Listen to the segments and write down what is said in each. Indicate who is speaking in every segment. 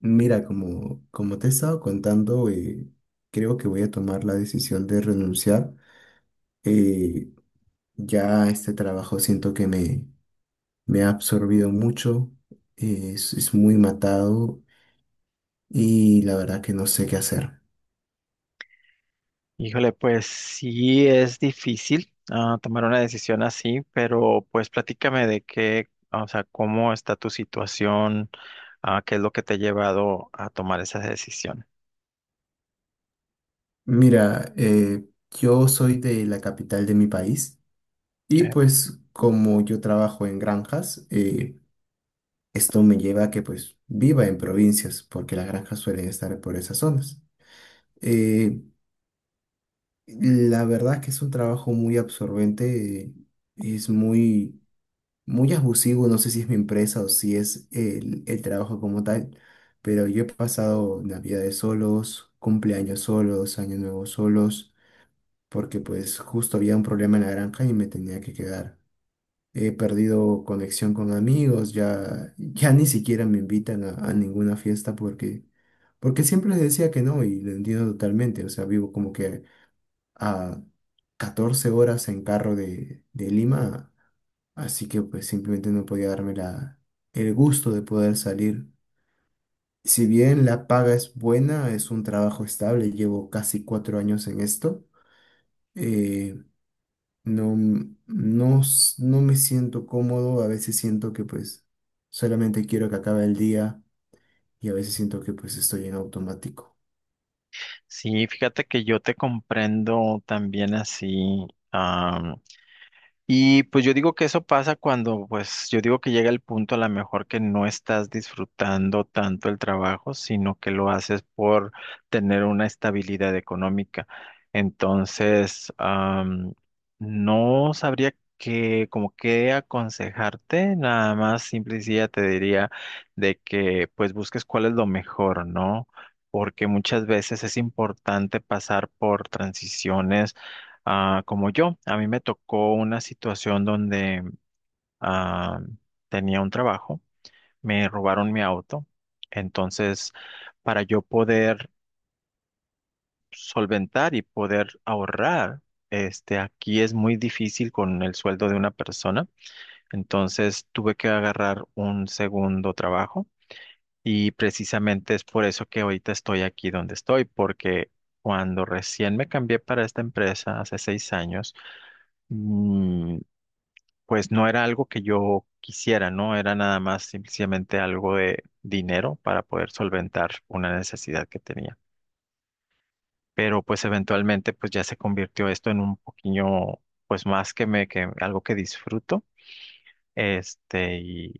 Speaker 1: Mira, como te he estado contando, creo que voy a tomar la decisión de renunciar. Eh, ya este trabajo siento que me ha absorbido mucho, es muy matado y la verdad que no sé qué hacer.
Speaker 2: Híjole, pues sí es difícil tomar una decisión así, pero pues platícame de qué, o sea, cómo está tu situación, qué es lo que te ha llevado a tomar esa decisión.
Speaker 1: Mira, yo soy de la capital de mi país y
Speaker 2: ¿Ok?
Speaker 1: pues como yo trabajo en granjas, esto me lleva a que pues viva en provincias porque las granjas suelen estar por esas zonas. Eh, La verdad es que es un trabajo muy absorbente, es muy, muy abusivo, no sé si es mi empresa o si es el trabajo como tal, pero yo he pasado navidades solos, cumpleaños solos, año nuevo solos, porque pues justo había un problema en la granja y me tenía que quedar. He perdido conexión con amigos, ya ni siquiera me invitan a ninguna fiesta porque siempre les decía que no y lo entiendo totalmente, o sea, vivo como que a 14 horas en carro de Lima, así que pues simplemente no podía darme el gusto de poder salir. Si bien la paga es buena, es un trabajo estable, llevo casi 4 años en esto, eh, no me siento cómodo, a veces siento que pues solamente quiero que acabe el día y a veces siento que pues estoy en automático.
Speaker 2: Sí, fíjate que yo te comprendo también así. Y pues yo digo que eso pasa cuando, pues yo digo que llega el punto a lo mejor que no estás disfrutando tanto el trabajo, sino que lo haces por tener una estabilidad económica. Entonces, no sabría que, como qué aconsejarte, nada más simple y sencilla te diría de que pues busques cuál es lo mejor, ¿no? Porque muchas veces es importante pasar por transiciones como yo. A mí me tocó una situación donde ah, tenía un trabajo, me robaron mi auto, entonces para yo poder solventar y poder ahorrar, este, aquí es muy difícil con el sueldo de una persona, entonces tuve que agarrar un segundo trabajo y precisamente es por eso que ahorita estoy aquí donde estoy, porque cuando recién me cambié para esta empresa hace 6 años, mm, pues no era algo que yo quisiera, ¿no? Era nada más simplemente algo de dinero para poder solventar una necesidad que tenía. Pero pues eventualmente pues ya se convirtió esto en un poquillo, pues más que me, que algo que disfruto. Este,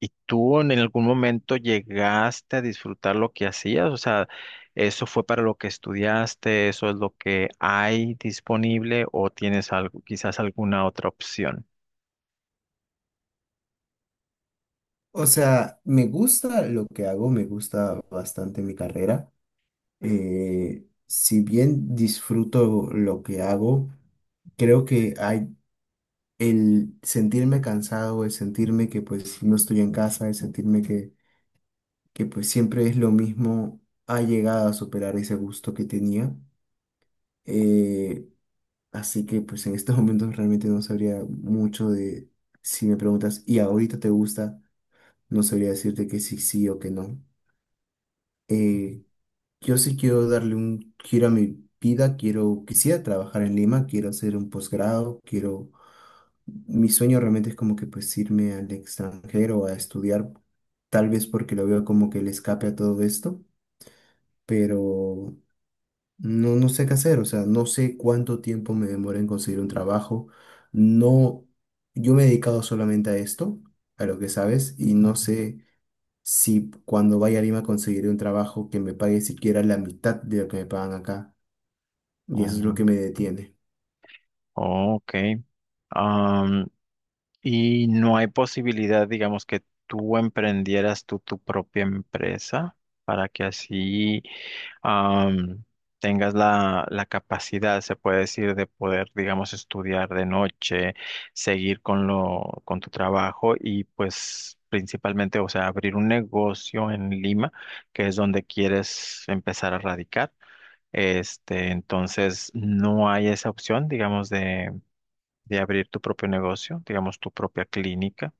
Speaker 2: y tú en algún momento llegaste a disfrutar lo que hacías, o sea, ¿eso fue para lo que estudiaste? ¿Eso es lo que hay disponible o tienes algo, quizás alguna otra opción?
Speaker 1: O sea, me gusta lo que hago, me gusta bastante mi carrera, si bien disfruto lo que hago, creo que hay el sentirme cansado, el sentirme que pues no estoy en casa, el sentirme que pues siempre es lo mismo, ha llegado a superar ese gusto que tenía. Eh, Así que pues en estos momentos realmente no sabría mucho de, si me preguntas, ¿y ahorita te gusta? No sabría decirte que sí, sí o que no. Eh, Yo sí quiero darle un giro a mi vida, quisiera trabajar en Lima, quiero hacer un posgrado, quiero, mi sueño realmente es como que pues irme al extranjero a estudiar, tal vez porque lo veo como que el escape a todo esto, pero no sé qué hacer, o sea, no sé cuánto tiempo me demora en conseguir un trabajo, no, yo me he dedicado solamente a esto, a lo que sabes, y no
Speaker 2: Ujú.
Speaker 1: sé si cuando vaya a Lima conseguiré un trabajo que me pague siquiera la mitad de lo que me pagan acá, y eso es lo que
Speaker 2: Ujú.
Speaker 1: me detiene.
Speaker 2: Ok. Am, y no hay posibilidad, digamos, que tú emprendieras tú tu propia empresa para que así am, tengas la, la capacidad, se puede decir, de poder, digamos, estudiar de noche, seguir con lo, con tu trabajo y pues principalmente, o sea, abrir un negocio en Lima, que es donde quieres empezar a radicar? Este, ¿entonces no hay esa opción, digamos, de abrir tu propio negocio, digamos, tu propia clínica?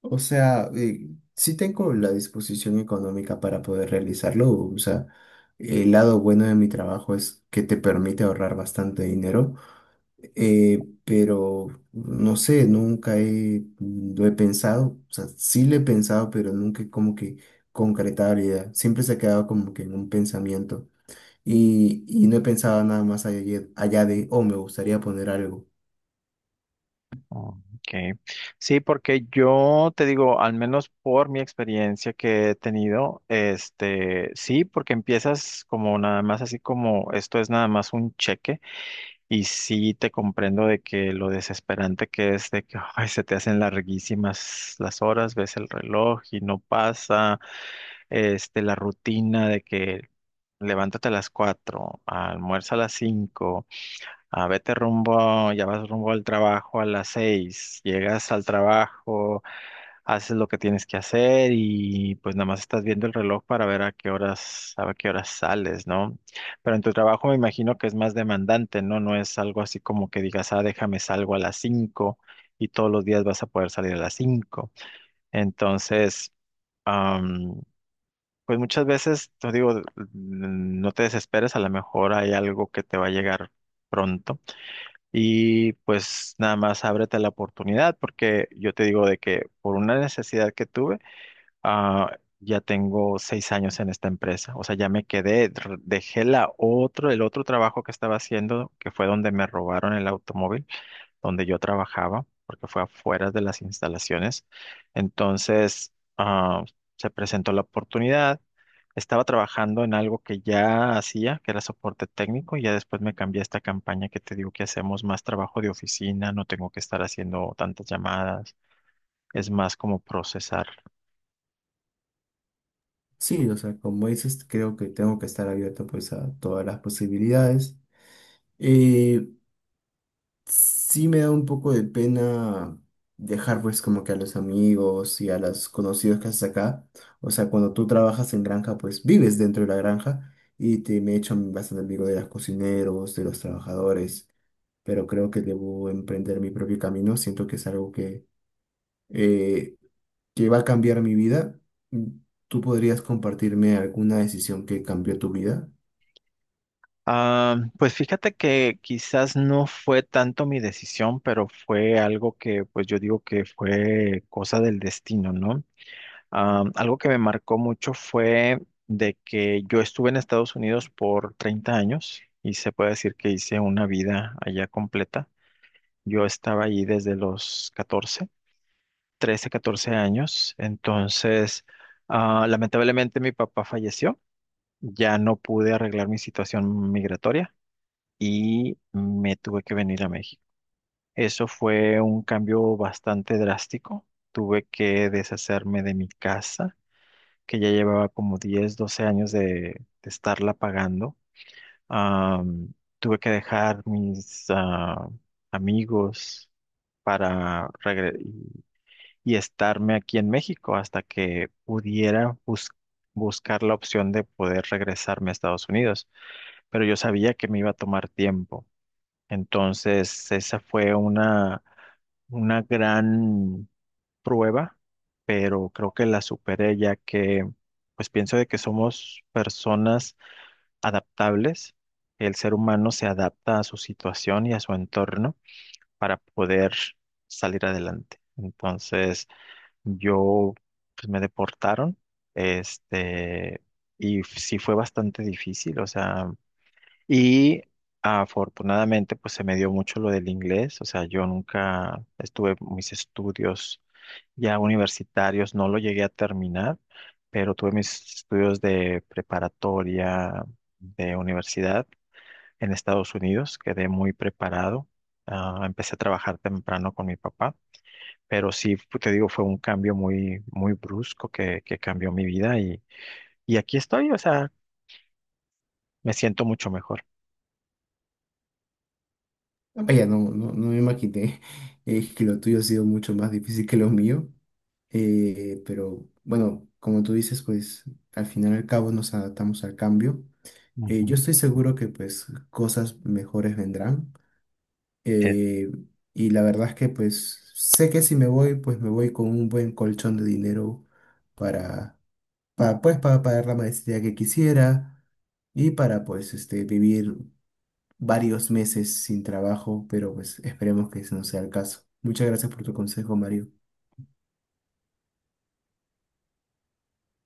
Speaker 1: O sea, sí tengo la disposición económica para poder realizarlo. O sea, el lado bueno de mi trabajo es que te permite ahorrar bastante dinero, pero no sé, nunca he, lo he pensado. O sea, sí lo he pensado, pero nunca he como que concretado la idea. Siempre se ha quedado como que en un pensamiento. Y no he pensado nada más allá, allá de, oh, me gustaría poner algo.
Speaker 2: Okay. Sí, porque yo te digo, al menos por mi experiencia que he tenido, este, sí, porque empiezas como nada más así como esto es nada más un cheque y sí te comprendo de que lo desesperante que es de que ay, se te hacen larguísimas las horas, ves el reloj y no pasa este, la rutina de que levántate a las 4, almuerza a las 5, vete rumbo, ya vas rumbo al trabajo a las 6, llegas al trabajo, haces lo que tienes que hacer y pues nada más estás viendo el reloj para ver a qué horas sales, ¿no? Pero en tu trabajo me imagino que es más demandante, ¿no? No es algo así como que digas, déjame salgo a las 5 y todos los días vas a poder salir a las 5. Entonces. Pues muchas veces, te digo, no te desesperes, a lo mejor hay algo que te va a llegar pronto y pues nada más ábrete a la oportunidad porque yo te digo de que por una necesidad que tuve, ya tengo 6 años en esta empresa, o sea, ya me quedé, dejé la otro, el otro trabajo que estaba haciendo, que fue donde me robaron el automóvil donde yo trabajaba, porque fue afuera de las instalaciones. Entonces, se presentó la oportunidad. Estaba trabajando en algo que ya hacía, que era soporte técnico, y ya después me cambié a esta campaña que te digo que hacemos más trabajo de oficina, no tengo que estar haciendo tantas llamadas, es más como procesar.
Speaker 1: Sí, o sea, como dices, creo que tengo que estar abierto pues a todas las posibilidades. Eh, sí me da un poco de pena dejar pues como que a los amigos y a los conocidos que haces acá. O sea, cuando tú trabajas en granja, pues vives dentro de la granja y te me he hecho bastante amigo de los cocineros, de los trabajadores, pero creo que debo emprender mi propio camino. Siento que es algo eh, que va a cambiar mi vida. ¿Tú podrías compartirme alguna decisión que cambió tu vida?
Speaker 2: Ah, pues fíjate que quizás no fue tanto mi decisión, pero fue algo que pues yo digo que fue cosa del destino, ¿no? Algo que me marcó mucho fue de que yo estuve en Estados Unidos por 30 años y se puede decir que hice una vida allá completa. Yo estaba allí desde los 14, 13, 14 años. Entonces, lamentablemente mi papá falleció. Ya no pude arreglar mi situación migratoria y me tuve que venir a México. Eso fue un cambio bastante drástico. Tuve que deshacerme de mi casa que ya llevaba como 10 12 años de estarla pagando. Am, Tuve que dejar mis amigos para y estarme aquí en México hasta que pudiera buscar la opción de poder regresarme a Estados Unidos. Pero yo sabía que me iba a tomar tiempo. Entonces, esa fue una gran prueba, pero creo que la superé ya que, pues pienso de que somos personas adaptables. El ser humano se adapta a su situación y a su entorno para poder salir adelante. Entonces, yo, pues me deportaron, este, y sí fue bastante difícil, o sea. Y afortunadamente, pues se me dio mucho lo del inglés. O sea, yo nunca estuve mis estudios ya universitarios, no lo llegué a terminar, pero tuve mis estudios de preparatoria, de universidad en Estados Unidos. Quedé muy preparado. Ah, empecé a trabajar temprano con mi papá, pero sí, te digo, fue un cambio muy, muy brusco que, cambió mi vida y aquí estoy. O sea, me siento mucho mejor.
Speaker 1: Vaya, no me imaginé que lo tuyo ha sido mucho más difícil que lo mío. Pero bueno, como tú dices, pues al final y al cabo nos adaptamos al cambio.
Speaker 2: Ujú.
Speaker 1: Yo estoy seguro que pues cosas mejores vendrán. Eh, y la verdad es que pues sé que si me voy, pues me voy con un buen colchón de dinero para, para pues para pagar la maestría que quisiera y para pues este vivir varios meses sin trabajo, pero pues esperemos que ese no sea el caso. Muchas gracias por tu consejo, Mario.